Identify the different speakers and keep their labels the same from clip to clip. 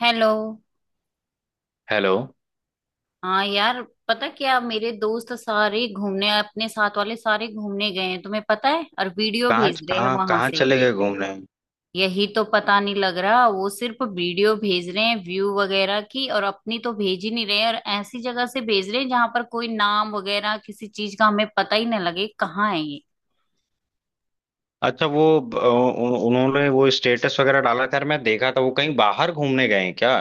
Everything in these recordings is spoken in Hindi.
Speaker 1: हेलो।
Speaker 2: हेलो।
Speaker 1: हाँ यार। पता क्या, मेरे दोस्त सारे घूमने, अपने साथ वाले सारे घूमने गए हैं तुम्हें पता है, और वीडियो
Speaker 2: कहाँ
Speaker 1: भेज रहे हैं
Speaker 2: कहाँ
Speaker 1: वहां
Speaker 2: कहाँ
Speaker 1: से।
Speaker 2: चले गए घूमने?
Speaker 1: यही तो पता नहीं लग रहा, वो सिर्फ वीडियो भेज रहे हैं व्यू वगैरह की और अपनी तो भेज ही नहीं रहे हैं, और ऐसी जगह से भेज रहे हैं जहां पर कोई नाम वगैरह किसी चीज का हमें पता ही ना लगे कहाँ है ये।
Speaker 2: अच्छा, वो उन्होंने वो स्टेटस वगैरह डाला खैर मैं देखा था, वो कहीं बाहर घूमने गए हैं क्या?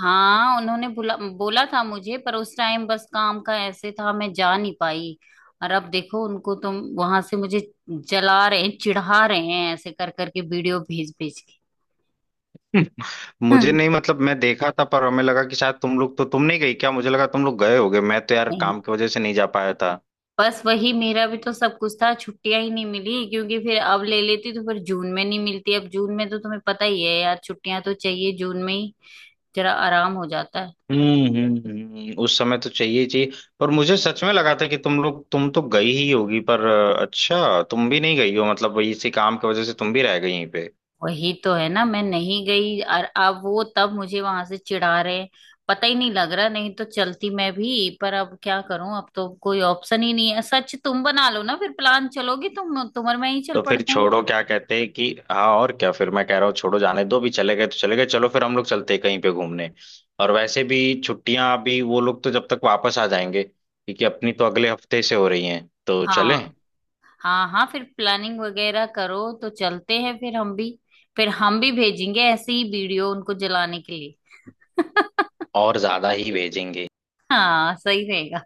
Speaker 1: हाँ, उन्होंने बुला बोला था मुझे, पर उस टाइम बस काम का ऐसे था मैं जा नहीं पाई। और अब देखो उनको, तुम वहां से मुझे जला रहे हैं, चिढ़ा रहे हैं ऐसे कर करके वीडियो भेज भेज के।
Speaker 2: मुझे
Speaker 1: हम्म।
Speaker 2: नहीं, मतलब मैं देखा था पर हमें लगा कि शायद तुम लोग तो तुम नहीं गई क्या, मुझे लगा तुम लोग गए होगे। मैं तो यार
Speaker 1: नहीं,
Speaker 2: काम की वजह से नहीं जा पाया था।
Speaker 1: बस वही मेरा भी तो सब कुछ था, छुट्टियां ही नहीं मिली, क्योंकि फिर अब ले लेती तो फिर जून में नहीं मिलती, अब जून में तो तुम्हें पता ही है यार, छुट्टियां तो चाहिए जून में ही, जरा आराम हो जाता है।
Speaker 2: उस समय तो चाहिए ही चाहिए। पर मुझे सच में लगा था कि तुम तो गई ही होगी पर अच्छा तुम भी नहीं गई हो, मतलब वही इसी काम की वजह से तुम भी रह गई यहीं पे।
Speaker 1: वही तो है ना, मैं नहीं गई और अब वो तब मुझे वहां से चिढ़ा रहे हैं। पता ही नहीं लग रहा, नहीं तो चलती मैं भी, पर अब क्या करूं, अब तो कोई ऑप्शन ही नहीं है। सच, तुम बना लो ना फिर प्लान, चलोगी तुम और मैं ही चल
Speaker 2: तो फिर
Speaker 1: पड़ते हैं।
Speaker 2: छोड़ो, क्या कहते हैं कि हाँ और क्या, फिर मैं कह रहा हूँ छोड़ो जाने दो, भी चले गए तो चले गए, चलो फिर हम लोग चलते हैं कहीं पे घूमने। और वैसे भी छुट्टियां अभी, वो लोग तो जब तक वापस आ जाएंगे क्योंकि अपनी तो अगले हफ्ते से हो रही हैं, तो चलें।
Speaker 1: हाँ। हाँ हाँ, फिर प्लानिंग वगैरह करो तो चलते हैं फिर हम भी। फिर हम भी भेजेंगे ऐसे ही वीडियो उनको जलाने के लिए।
Speaker 2: और ज्यादा ही भेजेंगे।
Speaker 1: हाँ सही रहेगा।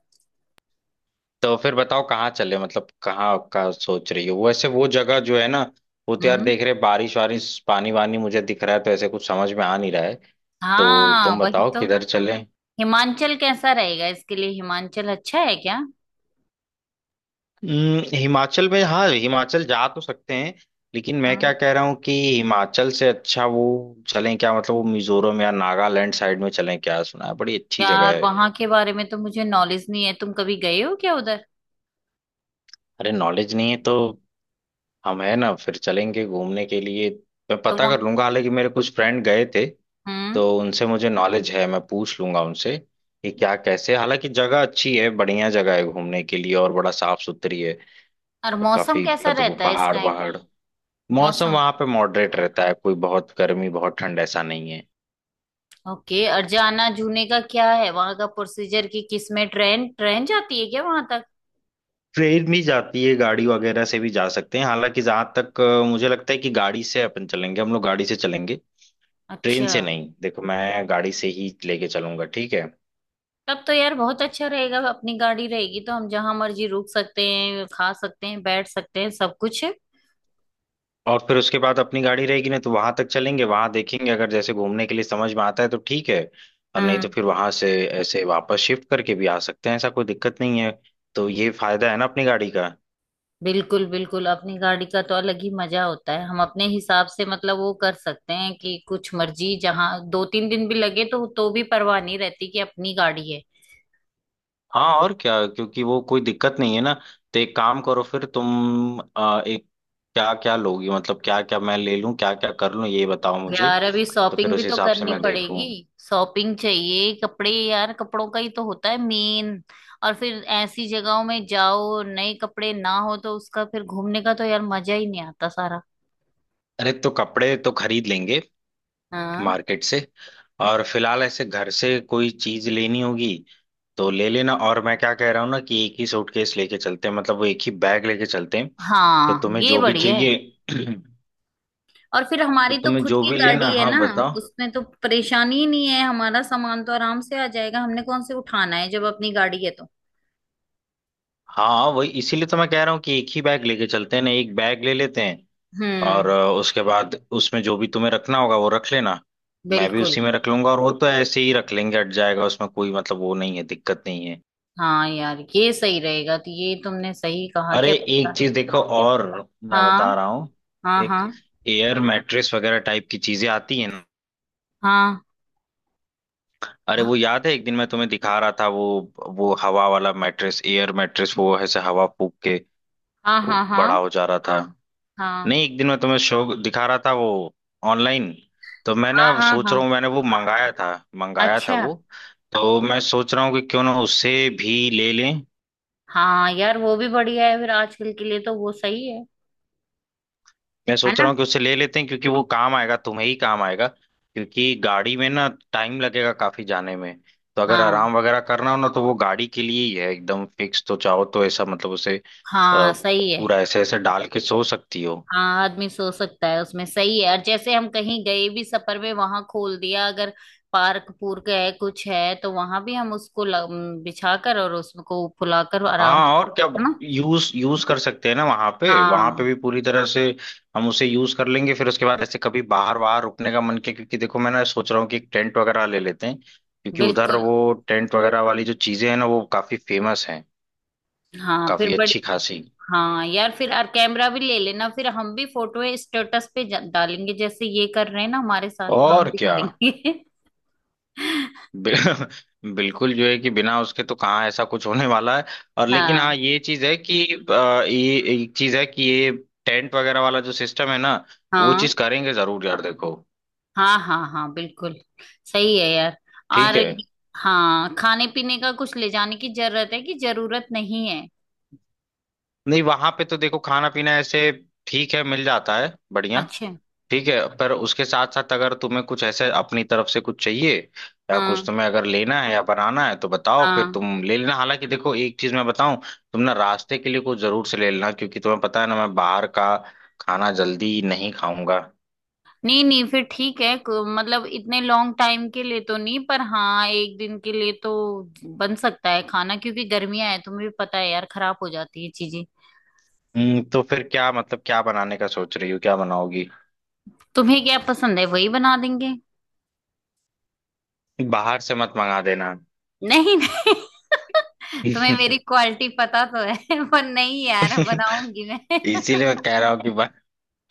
Speaker 2: तो फिर बताओ कहाँ चले, मतलब कहाँ आपका सोच रही हो। वैसे वो जगह जो है ना, वो तो यार
Speaker 1: हम्म।
Speaker 2: देख रहे बारिश वारिश पानी वानी मुझे दिख रहा है, तो ऐसे कुछ समझ में आ नहीं रहा है। तो
Speaker 1: हाँ
Speaker 2: तुम
Speaker 1: वही
Speaker 2: बताओ
Speaker 1: तो।
Speaker 2: किधर चले।
Speaker 1: हिमाचल कैसा रहेगा, इसके लिए हिमाचल अच्छा है क्या?
Speaker 2: हिमाचल में, हाँ हिमाचल जा तो सकते हैं। लेकिन मैं क्या
Speaker 1: हाँ।
Speaker 2: कह रहा हूँ कि हिमाचल से अच्छा वो चलें क्या, मतलब वो मिजोरम या नागालैंड साइड में चलें क्या, सुना है बड़ी अच्छी जगह
Speaker 1: यार
Speaker 2: है।
Speaker 1: वहां के बारे में तो मुझे नॉलेज नहीं है, तुम कभी गए हो क्या उधर?
Speaker 2: अरे नॉलेज नहीं है तो हम है ना, फिर चलेंगे घूमने के लिए। मैं
Speaker 1: तो
Speaker 2: पता
Speaker 1: वहां।
Speaker 2: कर लूंगा, हालांकि मेरे कुछ फ्रेंड गए थे
Speaker 1: हम्म।
Speaker 2: तो उनसे मुझे नॉलेज है, मैं पूछ लूंगा उनसे कि क्या कैसे। हालांकि जगह अच्छी है, बढ़िया जगह है घूमने के लिए और बड़ा साफ सुथरी है।
Speaker 1: और
Speaker 2: और
Speaker 1: मौसम
Speaker 2: काफी,
Speaker 1: कैसा
Speaker 2: मतलब वो
Speaker 1: रहता है इस
Speaker 2: पहाड़
Speaker 1: टाइम?
Speaker 2: पहाड़ मौसम
Speaker 1: मौसम।
Speaker 2: वहां पे मॉडरेट रहता है, कोई बहुत गर्मी बहुत ठंड ऐसा नहीं है।
Speaker 1: ओके, और जाना जूने का क्या है, वहां का प्रोसीजर की किस में, ट्रेन ट्रेन जाती है क्या वहां तक?
Speaker 2: ट्रेन भी जाती है, गाड़ी वगैरह से भी जा सकते हैं, हालांकि जहां तक मुझे लगता है कि गाड़ी से अपन चलेंगे, हम लोग गाड़ी से चलेंगे। ट्रेन
Speaker 1: अच्छा।
Speaker 2: से नहीं, देखो मैं गाड़ी से ही लेके चलूंगा, ठीक है।
Speaker 1: तब तो यार बहुत अच्छा रहेगा, अपनी गाड़ी रहेगी तो हम जहां मर्जी रुक सकते हैं, खा सकते हैं, बैठ सकते हैं, सब कुछ है।
Speaker 2: और फिर उसके बाद अपनी गाड़ी रहेगी ना, तो वहां तक चलेंगे, वहां देखेंगे, अगर जैसे घूमने के लिए समझ में आता है तो ठीक है। और नहीं तो
Speaker 1: हम्म।
Speaker 2: फिर वहां से ऐसे वापस शिफ्ट करके भी आ सकते हैं, ऐसा कोई दिक्कत नहीं है। तो ये फायदा है ना अपनी गाड़ी का।
Speaker 1: बिल्कुल बिल्कुल, अपनी गाड़ी का तो अलग ही मजा होता है, हम अपने हिसाब से मतलब वो कर सकते हैं कि कुछ मर्जी जहाँ दो तीन दिन भी लगे तो भी परवाह नहीं रहती कि अपनी गाड़ी है।
Speaker 2: हाँ और क्या, क्योंकि वो कोई दिक्कत नहीं है ना। तो एक काम करो, फिर तुम एक, क्या क्या लोगी, मतलब क्या क्या मैं ले लूं, क्या क्या कर लूं, ये बताओ मुझे।
Speaker 1: यार अभी
Speaker 2: तो फिर
Speaker 1: शॉपिंग भी
Speaker 2: उस
Speaker 1: तो
Speaker 2: हिसाब से
Speaker 1: करनी
Speaker 2: मैं देखूं।
Speaker 1: पड़ेगी। शॉपिंग चाहिए, कपड़े यार, कपड़ों का ही तो होता है मेन। और फिर ऐसी जगहों में जाओ, नए कपड़े ना हो तो उसका फिर घूमने का तो यार मजा ही नहीं आता सारा।
Speaker 2: अरे तो कपड़े तो खरीद लेंगे
Speaker 1: हाँ।
Speaker 2: मार्केट से। और फिलहाल ऐसे घर से कोई चीज लेनी होगी तो ले लेना। और मैं क्या कह रहा हूँ ना कि एक ही सूटकेस लेके चलते हैं, मतलब वो एक ही बैग लेके चलते हैं। तो
Speaker 1: हाँ
Speaker 2: तुम्हें
Speaker 1: ये
Speaker 2: जो भी
Speaker 1: बढ़िया है।
Speaker 2: चाहिए।
Speaker 1: और फिर
Speaker 2: तो
Speaker 1: हमारी तो
Speaker 2: तुम्हें
Speaker 1: खुद
Speaker 2: जो
Speaker 1: की
Speaker 2: भी
Speaker 1: गाड़ी
Speaker 2: लेना
Speaker 1: है
Speaker 2: हाँ
Speaker 1: ना,
Speaker 2: बताओ।
Speaker 1: उसमें तो परेशानी ही नहीं है, हमारा सामान तो आराम से आ जाएगा, हमने कौन से उठाना है जब अपनी गाड़ी है तो।
Speaker 2: हाँ वही, इसीलिए तो मैं कह रहा हूँ कि एक ही बैग लेके चलते हैं ना, एक बैग ले लेते हैं। और
Speaker 1: हम्म।
Speaker 2: उसके बाद उसमें जो भी तुम्हें रखना होगा वो रख लेना। मैं भी
Speaker 1: बिल्कुल।
Speaker 2: उसी में रख लूंगा, और वो तो ऐसे ही रख लेंगे, हट जाएगा उसमें, कोई मतलब वो नहीं है, दिक्कत नहीं है।
Speaker 1: हाँ यार ये सही रहेगा, तो ये तुमने सही कहा कि
Speaker 2: अरे
Speaker 1: अपनी
Speaker 2: एक
Speaker 1: गाड़ी।
Speaker 2: चीज देखो और, मैं बता
Speaker 1: हाँ।
Speaker 2: रहा हूँ।
Speaker 1: हाँ
Speaker 2: एक
Speaker 1: हाँ।
Speaker 2: एयर मैट्रेस वगैरह टाइप की चीजें आती है ना।
Speaker 1: हाँ।
Speaker 2: अरे वो याद है, एक दिन मैं तुम्हें दिखा रहा था वो हवा वाला मैट्रेस, एयर मैट्रेस, वो ऐसे हवा फूक के
Speaker 1: हाँ
Speaker 2: वो
Speaker 1: हाँ।
Speaker 2: बड़ा
Speaker 1: हाँ
Speaker 2: हो जा रहा था। नहीं
Speaker 1: हाँ।
Speaker 2: एक दिन मैं तुम्हें शो दिखा रहा था वो, ऑनलाइन। तो मैं ना
Speaker 1: हाँ हाँ।
Speaker 2: सोच
Speaker 1: हाँ।
Speaker 2: रहा हूँ मैंने वो मंगाया था, मंगाया था
Speaker 1: अच्छा।
Speaker 2: वो। तो मैं सोच रहा हूँ कि क्यों ना उससे भी ले लें।
Speaker 1: हाँ यार वो भी बढ़िया है, फिर आजकल के लिए तो वो सही है।
Speaker 2: मैं
Speaker 1: है
Speaker 2: सोच रहा
Speaker 1: ना।
Speaker 2: हूँ कि उससे ले लेते हैं, क्योंकि वो काम आएगा, तुम्हें ही काम आएगा, क्योंकि गाड़ी में ना टाइम लगेगा काफी जाने में। तो अगर
Speaker 1: हाँ।
Speaker 2: आराम वगैरह करना हो ना, तो वो गाड़ी के लिए ही है एकदम फिक्स, तो चाहो तो ऐसा मतलब उसे अ,
Speaker 1: हाँ सही है।
Speaker 2: पूरा ऐसे ऐसे डाल के सो सकती हो।
Speaker 1: हाँ आदमी सो सकता है उसमें, सही है, और जैसे हम कहीं गए भी सफर में, वहां खोल दिया, अगर पार्क पूर्क है कुछ है तो वहां भी हम उसको बिछा कर और उसको फुलाकर आराम
Speaker 2: हाँ और क्या,
Speaker 1: से। है ना।
Speaker 2: यूज यूज कर सकते हैं ना वहां पे, वहां पे
Speaker 1: हाँ।
Speaker 2: भी पूरी तरह से हम उसे यूज कर लेंगे। फिर उसके बाद ऐसे कभी बाहर बाहर रुकने का मन किया, क्योंकि देखो मैं ना सोच रहा हूँ कि एक टेंट वगैरह ले लेते हैं, क्योंकि उधर
Speaker 1: बिल्कुल।
Speaker 2: वो टेंट वगैरह वाली जो चीजें हैं ना वो काफी फेमस हैं,
Speaker 1: हाँ फिर
Speaker 2: काफी
Speaker 1: बड़ी।
Speaker 2: अच्छी खासी।
Speaker 1: हाँ यार फिर और कैमरा भी ले लेना, फिर हम भी फोटो स्टेटस पे डालेंगे, जैसे ये कर रहे हैं ना हमारे साथ, हम
Speaker 2: और
Speaker 1: भी
Speaker 2: क्या।
Speaker 1: करेंगे।
Speaker 2: बि- बिल्कुल जो है कि बिना उसके तो कहाँ ऐसा कुछ होने वाला है। और लेकिन हाँ
Speaker 1: हाँ।
Speaker 2: ये चीज है कि ये टेंट वगैरह वाला जो सिस्टम है ना, वो
Speaker 1: हाँ
Speaker 2: चीज करेंगे जरूर यार देखो।
Speaker 1: हाँ। हाँ हाँ। बिल्कुल। सही है यार।
Speaker 2: ठीक
Speaker 1: और
Speaker 2: है।
Speaker 1: हाँ, खाने पीने का कुछ ले जाने की जरूरत है कि जरूरत नहीं है?
Speaker 2: नहीं वहां पे तो देखो खाना पीना ऐसे ठीक है, मिल जाता है बढ़िया।
Speaker 1: अच्छा।
Speaker 2: ठीक है पर उसके साथ साथ अगर तुम्हें कुछ ऐसे अपनी तरफ से कुछ चाहिए या कुछ
Speaker 1: हाँ।
Speaker 2: तुम्हें अगर लेना है या बनाना है तो बताओ, फिर
Speaker 1: हाँ।
Speaker 2: तुम ले लेना। हालांकि देखो एक चीज मैं बताऊं, तुम ना रास्ते के लिए कुछ जरूर से ले लेना, क्योंकि तुम्हें पता है ना मैं बाहर का खाना जल्दी नहीं खाऊंगा।
Speaker 1: नहीं नहीं, फिर ठीक है, मतलब इतने लॉन्ग टाइम के लिए तो नहीं, पर हाँ एक दिन के लिए तो बन सकता है खाना, क्योंकि गर्मियां है तुम्हें भी पता है यार, खराब हो जाती है चीजें।
Speaker 2: तो फिर क्या, मतलब क्या बनाने का सोच रही हो, क्या बनाओगी,
Speaker 1: तुम्हें क्या पसंद है, वही बना देंगे।
Speaker 2: बाहर से मत मंगा देना।
Speaker 1: नहीं नहीं। तुम्हें मेरी क्वालिटी पता तो है। पर नहीं यार, बनाऊंगी मैं।
Speaker 2: इसीलिए मैं कह रहा हूँ कि बस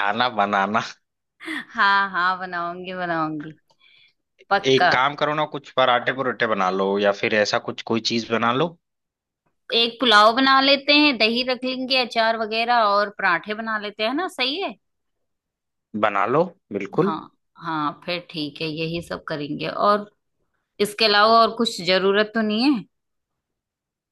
Speaker 2: खाना बनाना।
Speaker 1: हाँ हाँ, बनाऊंगी बनाऊंगी, पक्का।
Speaker 2: एक काम करो ना, कुछ पराठे परोठे बना लो या फिर ऐसा कुछ कोई चीज बना लो।
Speaker 1: एक पुलाव बना लेते हैं, दही रख लेंगे, अचार वगैरह और पराठे बना लेते हैं ना, सही है।
Speaker 2: बना लो बिल्कुल।
Speaker 1: हाँ। हाँ फिर ठीक है, यही सब करेंगे, और इसके अलावा और कुछ जरूरत तो नहीं है।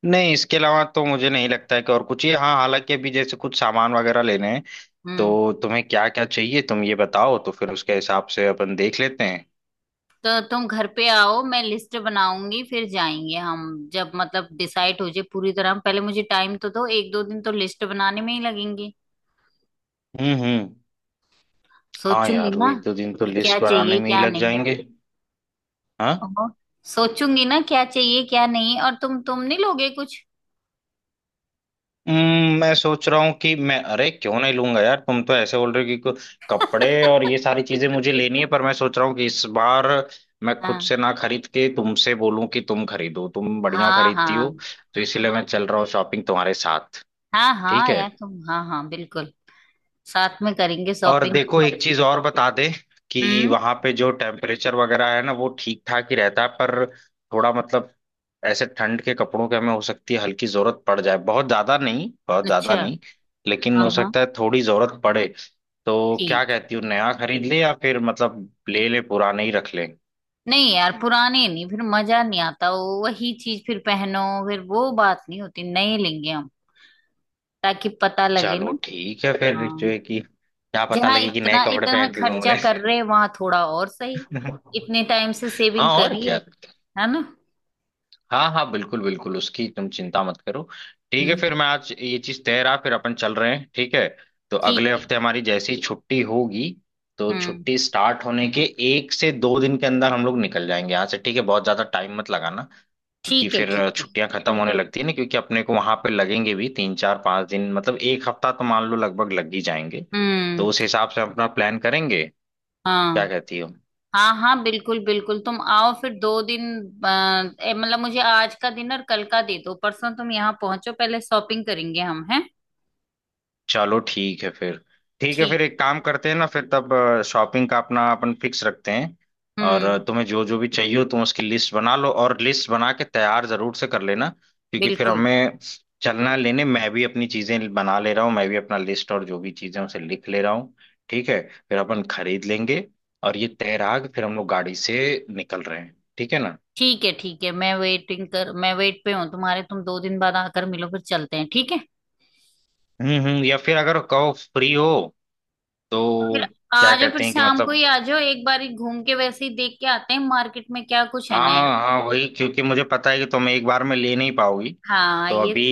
Speaker 2: नहीं इसके अलावा तो मुझे नहीं लगता है कि और कुछ ही, हाँ हालांकि अभी जैसे कुछ सामान वगैरह लेने हैं,
Speaker 1: हम्म।
Speaker 2: तो तुम्हें क्या क्या चाहिए तुम ये बताओ तो फिर उसके हिसाब से अपन देख लेते हैं।
Speaker 1: तो तुम घर पे आओ, मैं लिस्ट बनाऊंगी, फिर जाएंगे हम, जब मतलब डिसाइड हो जाए पूरी तरह। पहले मुझे टाइम तो दो, एक दो दिन तो लिस्ट बनाने में ही लगेंगे,
Speaker 2: हम्म। हाँ
Speaker 1: सोचूंगी
Speaker 2: यार वो
Speaker 1: ना
Speaker 2: एक दो दिन तो
Speaker 1: कि क्या
Speaker 2: लिस्ट बनाने
Speaker 1: चाहिए
Speaker 2: में ही
Speaker 1: क्या
Speaker 2: लग
Speaker 1: नहीं।
Speaker 2: जाएंगे। हाँ।
Speaker 1: ओहो, सोचूंगी ना, क्या चाहिए क्या नहीं, और तुम नहीं लोगे कुछ?
Speaker 2: मैं सोच रहा हूँ कि मैं, अरे क्यों नहीं लूंगा यार, तुम तो ऐसे बोल रहे हो कि कपड़े और ये सारी चीजें मुझे लेनी है, पर मैं सोच रहा हूँ कि इस बार मैं खुद
Speaker 1: हाँ।
Speaker 2: से ना खरीद के तुमसे बोलूं कि तुम खरीदो, तुम बढ़िया
Speaker 1: हाँ
Speaker 2: खरीदती हो।
Speaker 1: हाँ।
Speaker 2: तो इसीलिए मैं चल रहा हूँ शॉपिंग तुम्हारे साथ।
Speaker 1: हाँ
Speaker 2: ठीक
Speaker 1: हाँ
Speaker 2: है।
Speaker 1: यार, तुम, हाँ हाँ बिल्कुल। साथ में करेंगे
Speaker 2: और
Speaker 1: शॉपिंग।
Speaker 2: देखो एक चीज और बता दे कि
Speaker 1: हम्म।
Speaker 2: वहां पे जो टेम्परेचर वगैरह है ना वो ठीक ठाक ही रहता है, पर थोड़ा मतलब ऐसे ठंड के कपड़ों के हमें हो सकती है हल्की जरूरत पड़ जाए, बहुत ज्यादा नहीं, बहुत ज्यादा
Speaker 1: अच्छा।
Speaker 2: नहीं, लेकिन
Speaker 1: हाँ
Speaker 2: हो
Speaker 1: हाँ।
Speaker 2: सकता है थोड़ी जरूरत पड़े। तो क्या
Speaker 1: ठीक।
Speaker 2: कहती हूँ नया खरीद ले या फिर मतलब ले ले पुराने ही रख ले।
Speaker 1: नहीं यार, पुराने नहीं, फिर मजा नहीं आता, वो वही चीज फिर पहनो, फिर वो बात नहीं होती। नए लेंगे हम, ताकि पता लगे
Speaker 2: चलो
Speaker 1: ना।
Speaker 2: ठीक है फिर, जो
Speaker 1: हाँ,
Speaker 2: है कि क्या पता
Speaker 1: जहाँ
Speaker 2: लगे कि नए
Speaker 1: इतना
Speaker 2: कपड़े
Speaker 1: इतना
Speaker 2: पहन के घूम
Speaker 1: खर्चा
Speaker 2: रहे
Speaker 1: कर रहे हैं, वहां थोड़ा और
Speaker 2: हैं।
Speaker 1: सही, इतने टाइम से सेविंग
Speaker 2: हाँ और
Speaker 1: करी है
Speaker 2: क्या।
Speaker 1: है ना।
Speaker 2: हाँ हाँ बिल्कुल बिल्कुल, उसकी तुम चिंता मत करो। ठीक है
Speaker 1: हम्म।
Speaker 2: फिर मैं आज ये चीज तय रहा, फिर अपन चल रहे हैं ठीक है। तो
Speaker 1: ठीक
Speaker 2: अगले
Speaker 1: है।
Speaker 2: हफ्ते हमारी जैसी छुट्टी होगी, तो
Speaker 1: हम्म।
Speaker 2: छुट्टी स्टार्ट होने के एक से दो दिन के अंदर हम लोग निकल जाएंगे यहाँ से, ठीक है, बहुत ज्यादा टाइम मत लगाना, क्योंकि
Speaker 1: ठीक है। ठीक
Speaker 2: फिर
Speaker 1: है।
Speaker 2: छुट्टियां खत्म होने लगती है ना, क्योंकि अपने को वहां पे लगेंगे भी तीन चार पांच दिन, मतलब एक हफ्ता तो मान लो लगभग लग ही जाएंगे। तो उस
Speaker 1: हम्म।
Speaker 2: हिसाब से अपना प्लान करेंगे। क्या
Speaker 1: हाँ
Speaker 2: कहती हो।
Speaker 1: हाँ, हाँ बिल्कुल बिल्कुल, तुम आओ फिर दो दिन। मतलब मुझे आज का दिन और कल का दे दो, परसों तुम यहाँ पहुंचो, पहले शॉपिंग करेंगे हम। हैं।
Speaker 2: चलो ठीक है फिर, ठीक है फिर
Speaker 1: ठीक।
Speaker 2: एक काम करते हैं ना, फिर तब शॉपिंग का अपना अपन फिक्स रखते हैं। और
Speaker 1: हम्म।
Speaker 2: तुम्हें जो जो भी चाहिए हो तुम उसकी लिस्ट बना लो, और लिस्ट बना के तैयार जरूर से कर लेना, क्योंकि फिर
Speaker 1: बिल्कुल।
Speaker 2: हमें चलना है लेने। मैं भी अपनी चीजें बना ले रहा हूँ, मैं भी अपना लिस्ट और जो भी चीजें हैं, उसे लिख ले रहा हूँ। ठीक है, फिर अपन खरीद लेंगे। और ये तैराग फिर हम लोग गाड़ी से निकल रहे हैं, ठीक है ना।
Speaker 1: ठीक है ठीक है, मैं वेटिंग कर, मैं वेट पे हूँ तुम्हारे, तुम दो दिन बाद आकर मिलो, फिर चलते हैं ठीक है।
Speaker 2: हम्म, या फिर अगर कहो फ्री हो
Speaker 1: फिर।
Speaker 2: तो, क्या
Speaker 1: आ जाओ फिर
Speaker 2: कहते हैं कि
Speaker 1: शाम को
Speaker 2: मतलब,
Speaker 1: ही आ जाओ, एक बार ही घूम के वैसे ही देख के आते हैं मार्केट में क्या कुछ है नया।
Speaker 2: हाँ हाँ वही, क्योंकि मुझे पता है कि तुम एक बार में ले नहीं पाओगी,
Speaker 1: हाँ
Speaker 2: तो
Speaker 1: ये।
Speaker 2: अभी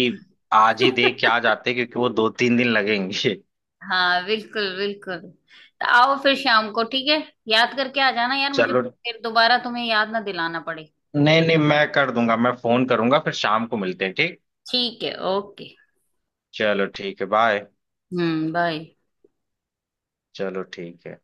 Speaker 2: आज ही देख के आ जाते क्योंकि वो दो तीन दिन लगेंगे।
Speaker 1: हाँ बिल्कुल बिल्कुल, तो आओ फिर शाम को, ठीक है। याद करके आ जाना यार, मुझे
Speaker 2: चलो,
Speaker 1: फिर दोबारा तुम्हें याद ना दिलाना पड़े।
Speaker 2: नहीं नहीं मैं कर दूंगा, मैं फोन करूंगा, फिर शाम को मिलते हैं, ठीक।
Speaker 1: ठीक है, ओके।
Speaker 2: चलो ठीक है, बाय।
Speaker 1: हम्म, बाय।
Speaker 2: चलो ठीक है।